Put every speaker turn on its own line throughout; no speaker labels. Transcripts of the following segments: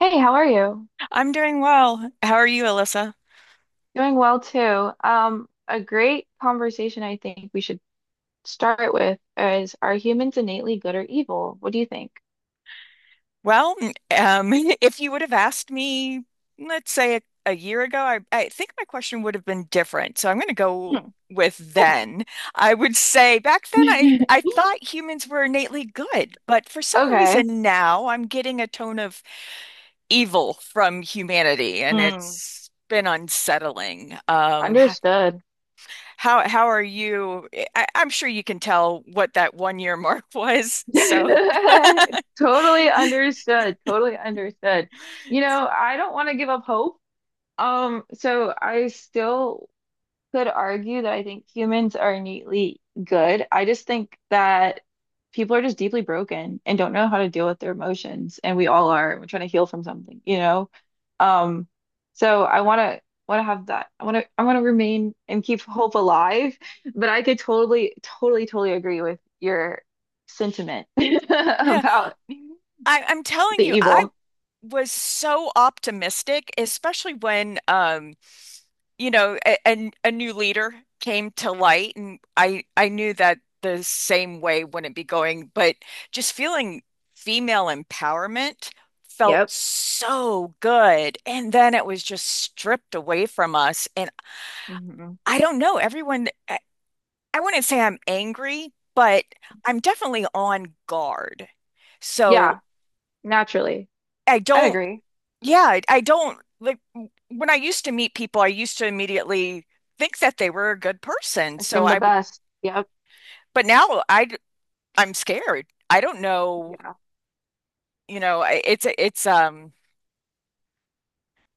Hey, how are you?
I'm doing well. How are you, Alyssa?
Doing well too. A great conversation I think we should start with is, are humans innately good or evil? What do you think?
Well, um, if you would have asked me, let's say a year ago, I think my question would have been different. So I'm going to go
Hmm,
with
okay.
then. I would say back then I, I thought humans were innately good, but for some
Okay.
reason now I'm getting a tone of evil from humanity, and
Hmm.
it's been unsettling. Um, h-
Understood.
how how are you? I'm sure you can tell what that one year mark was. So.
Totally understood. Totally understood. I don't want to give up hope. So I still could argue that I think humans are innately good. I just think that people are just deeply broken and don't know how to deal with their emotions, and we all are. We're trying to heal from something, you know? Um, so I wanna have that. I wanna remain and keep hope alive, but I could totally, totally, totally agree with your sentiment
Yeah.
about
I'm telling
the
you, I
evil.
was so optimistic, especially when a new leader came to light, and I knew that the same way wouldn't be going, but just feeling female empowerment felt
Yep.
so good, and then it was just stripped away from us. And
Hmm.
I don't know, everyone, I wouldn't say I'm angry, but I'm definitely on guard, so.
Yeah, naturally.
I
I'd
don't
agree.
Yeah, I don't like when I used to meet people, I used to immediately think that they were a good person. So
Assume the
I would.
best. Yep.
But now I'm scared. I don't know.
Yeah.
You know, I- it's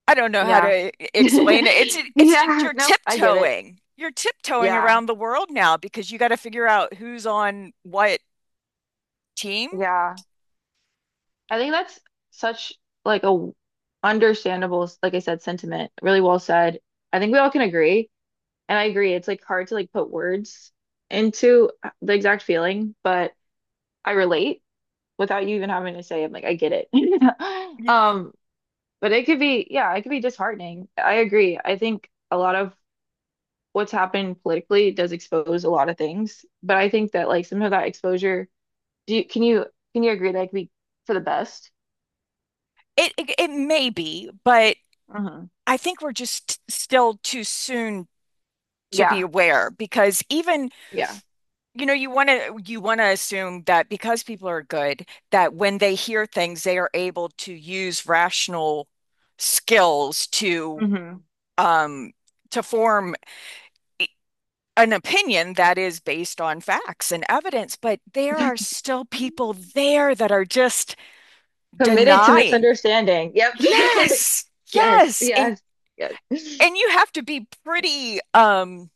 I don't know how
Yeah.
to explain it. It's it's just
Yeah.
you're
Nope. I give it.
tiptoeing. You're tiptoeing
Yeah.
around the world now because you got to figure out who's on what team.
Yeah. I think that's such like a understandable, like I said, sentiment. Really well said. I think we all can agree. And I agree. It's like hard to like put words into the exact feeling, but I relate without you even having to say it. Like, I get it.
Y-
Um, but it could be, yeah, it could be disheartening. I agree. I think a lot of what's happened politically does expose a lot of things, but I think that like some of that exposure. Do you, can you can you agree that it could be for the best?
it may be, but
Uh-huh.
I think we're just still too soon to be
Yeah,
aware, because even.
yeah.
You know, you want to assume that because people are good, that when they hear things, they are able to use rational skills to
Hmm.
um to form i- an opinion that is based on facts and evidence, but there are still people there that are just
Committed to
denying.
misunderstanding. Yep.
Yes.
Yes,
Yes. And
yes, yes. Yeah.
and you have to be pretty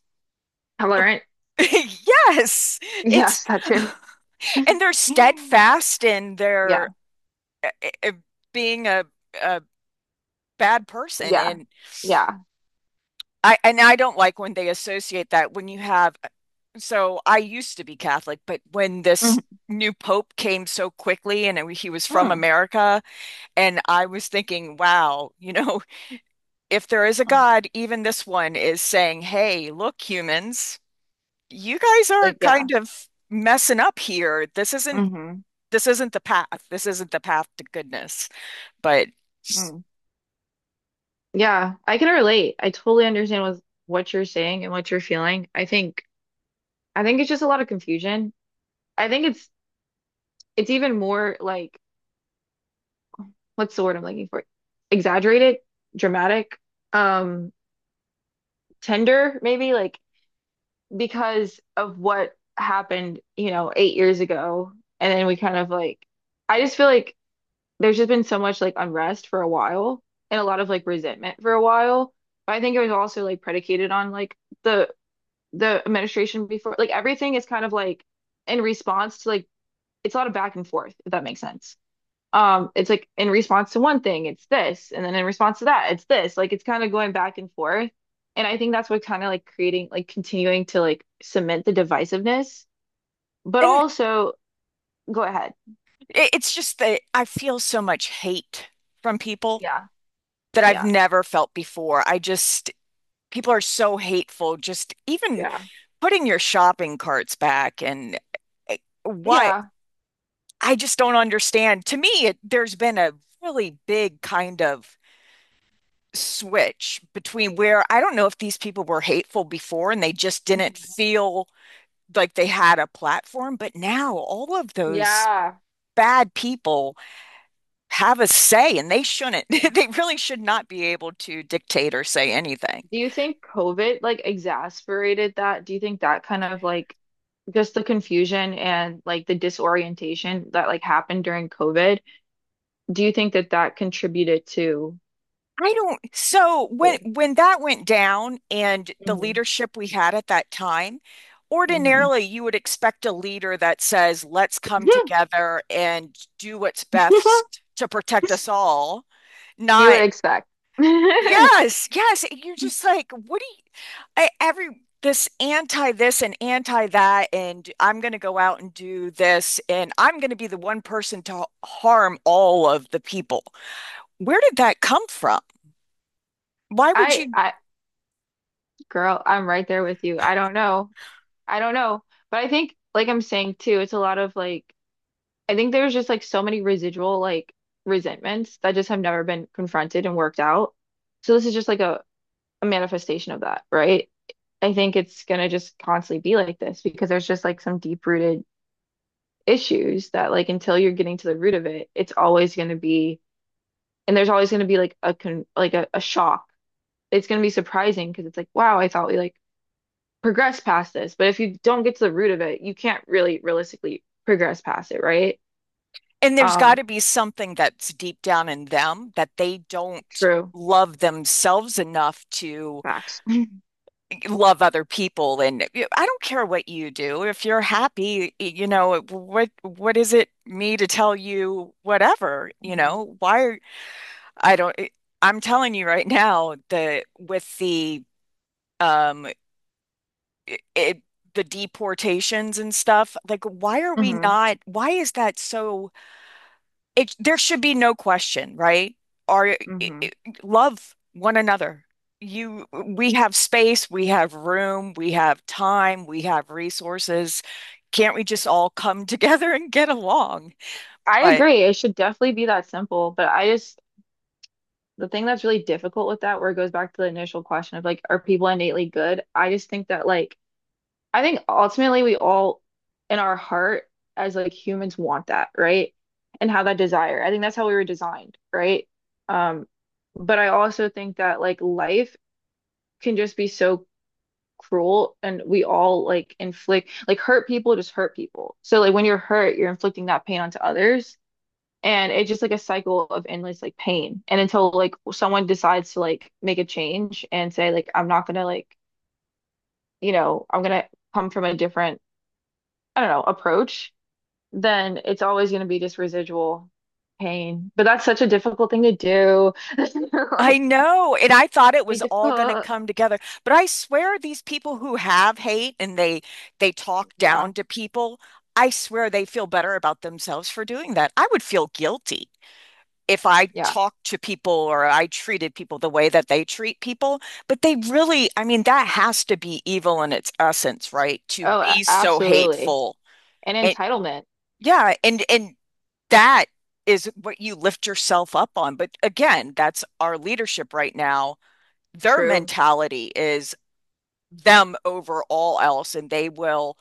ab-
Tolerant.
yes. It's,
Yes, that too.
and they're
Mm-hmm.
steadfast in their
Yeah,
uh, uh, being a bad person.
yeah,
and
yeah.
I and I don't like when they associate that, when you have. So I used to be Catholic, but when this
Mm-hmm.
new pope came so quickly and he was from
Mm-hmm.
America, and I was thinking, wow, you know, if there is a God, even this one is saying, hey, look, humans, you guys are
Like, yeah.
kind of messing up here. this isn't
Mm-hmm.
this isn't the path this isn't the path to goodness. But
Mm. Yeah. I can relate. I totally understand with what you're saying and what you're feeling. I think it's just a lot of confusion. I think it's even more, like, what's the word I'm looking for? Exaggerated, dramatic, um, tender, maybe like because of what happened, 8 years ago. And then we kind of like, I just feel like there's just been so much like unrest for a while, and a lot of like resentment for a while. But I think it was also like predicated on like the the administration before, like everything is kind of like in response to like, it's a lot of back and forth, if that makes sense. It's like in response to one thing it's this, and then in response to that it's this, like it's kind of going back and forth. And I think that's what kind of like creating like continuing to like cement the divisiveness, but
and
also, go ahead.
It's just that I feel so much hate from people
Yeah,
that I've
yeah,
never felt before. I just, people are so hateful, just even
yeah,
putting your shopping carts back, and eh, why,
yeah.
I just don't understand. To me, there's been a really big kind of switch, between where I don't know if these people were hateful before and they just didn't
Mhm.
feel like they had a platform, but now all of those
Yeah.
bad people have a say, and they shouldn't. They really should not be able to dictate or say anything.
Do you think COVID like exacerbated that? Do you think that kind of like just the confusion and like the disorientation that like happened during COVID, do you think that that contributed to.
I don't, so when
Forward.
that went down and the
Hmm.
leadership we had at that time, ordinarily you would expect a leader that says, let's come together and do what's best to protect us all.
You would
Not.
expect. I
Yes, yes. You're just like, what do? I, every, this anti this and anti that, and I'm going to go out and do this, and I'm going to be the one person to harm all of the people. Where did that come from? Why would you?
I girl, I'm right there with you. I don't know. I don't know. But I think, like I'm saying too, it's a lot of like, I think there's just like so many residual like resentments that just have never been confronted and worked out. So this is just like a manifestation of that, right? I think it's gonna just constantly be like this because there's just like some deep-rooted issues that, like, until you're getting to the root of it, it's always gonna be, and there's always gonna be like a con like a shock. It's going to be surprising because it's like, wow, I thought we like progressed past this. But if you don't get to the root of it, you can't really realistically progress past it, right?
And there's got
Um,
to be something that's deep down in them that they don't
True.
love themselves enough to
Facts.
love other people. And I don't care what you do. If you're happy, you know, what is it me to tell you whatever, you
Mhm.
know? Why are I don't, I'm telling you right now that with the um i- it, the deportations and stuff, like why are we
Mm-hmm.
not, why is that so it, there should be no question, right? Are i-
Mm-hmm.
i- Love one another. You we have space, we have room, we have time, we have resources. Can't we just all come together and get along?
I
But
agree. It should definitely be that simple. But I just, the thing that's really difficult with that, where it goes back to the initial question of, like, are people innately good? I just think that, like, I think ultimately we all, in our heart, as like humans, want that, right? And have that desire. I think that's how we were designed, right? Um, but I also think that like life can just be so cruel, and we all like inflict like, hurt people just hurt people. So like when you're hurt, you're inflicting that pain onto others. And it's just like a cycle of endless like pain. And until like someone decides to like make a change and say like, I'm not gonna like, I'm gonna come from a different, I don't know, approach, then it's always going to be just residual pain. But that's such a difficult thing to do.
I
Like,
know, and I thought it
be
was all going to
difficult.
come together, but I swear these people who have hate, and they talk
Yeah.
down to people, I swear they feel better about themselves for doing that. I would feel guilty if I
Yeah.
talked to people, or I treated people the way that they treat people. But they really, I mean, that has to be evil in its essence, right? To
Oh,
be so
absolutely.
hateful.
And
And
entitlement.
yeah, and that is what you lift yourself up on. But again, that's our leadership right now. Their
True.
mentality is them over all else, and they will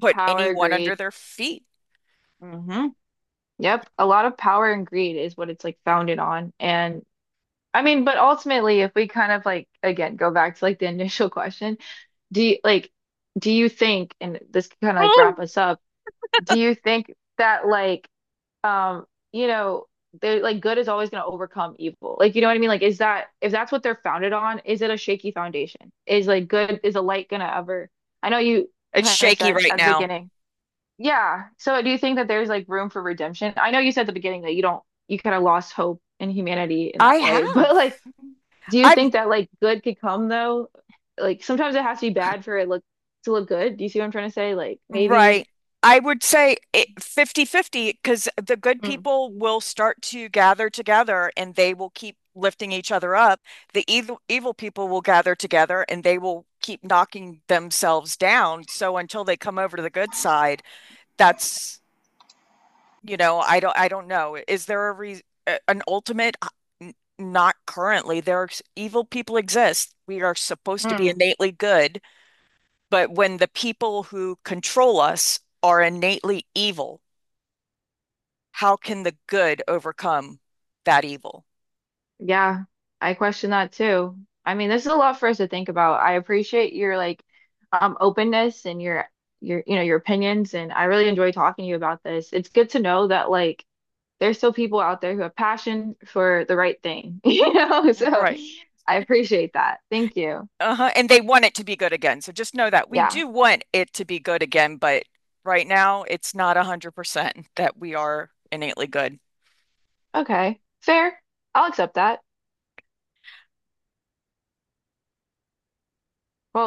put
Power,
anyone under
greed.
their feet.
Hmm. Yep. A lot of power and greed is what it's like founded on. And I mean, but ultimately, if we kind of like, again, go back to like the initial question, do you like, do you think, and this can kind of like wrap us up, do you think that like, um, you know, they're like, good is always going to overcome evil. Like, you know what I mean? Like, is that, if that's what they're founded on, is it a shaky foundation? Is like good, is a light going to ever? I know you
It's
kind of
shaky
said
right
at the
now.
beginning. Yeah. So do you think that there's like room for redemption? I know you said at the beginning that you don't, you kind of lost hope in humanity in
I
that way, but
have.
like, do you
I've,
think that like good could come though? Like sometimes it has to be bad for it look to look good. Do you see what I'm trying to say? Like maybe.
right. I would say it, 50-50, because the good
Mm,
people will start to gather together and they will keep lifting each other up. The evil people will gather together and they will keep knocking themselves down. So until they come over to the good side, that's, you know, I don't know. Is there a re an ultimate? Not currently. There are evil people exist. We are supposed to be
mm.
innately good, but when the people who control us are innately evil, how can the good overcome that evil?
Yeah, I question that too. I mean, this is a lot for us to think about. I appreciate your like openness, and your opinions, and I really enjoy talking to you about this. It's good to know that like there's still people out there who have passion for the right thing, you know? So
Right.
I appreciate that. Thank you.
Uh-huh. And they want it to be good again. So just know that we
Yeah.
do want it to be good again, but right now it's not 100% that we are innately good.
Okay. Fair. I'll accept that. Well,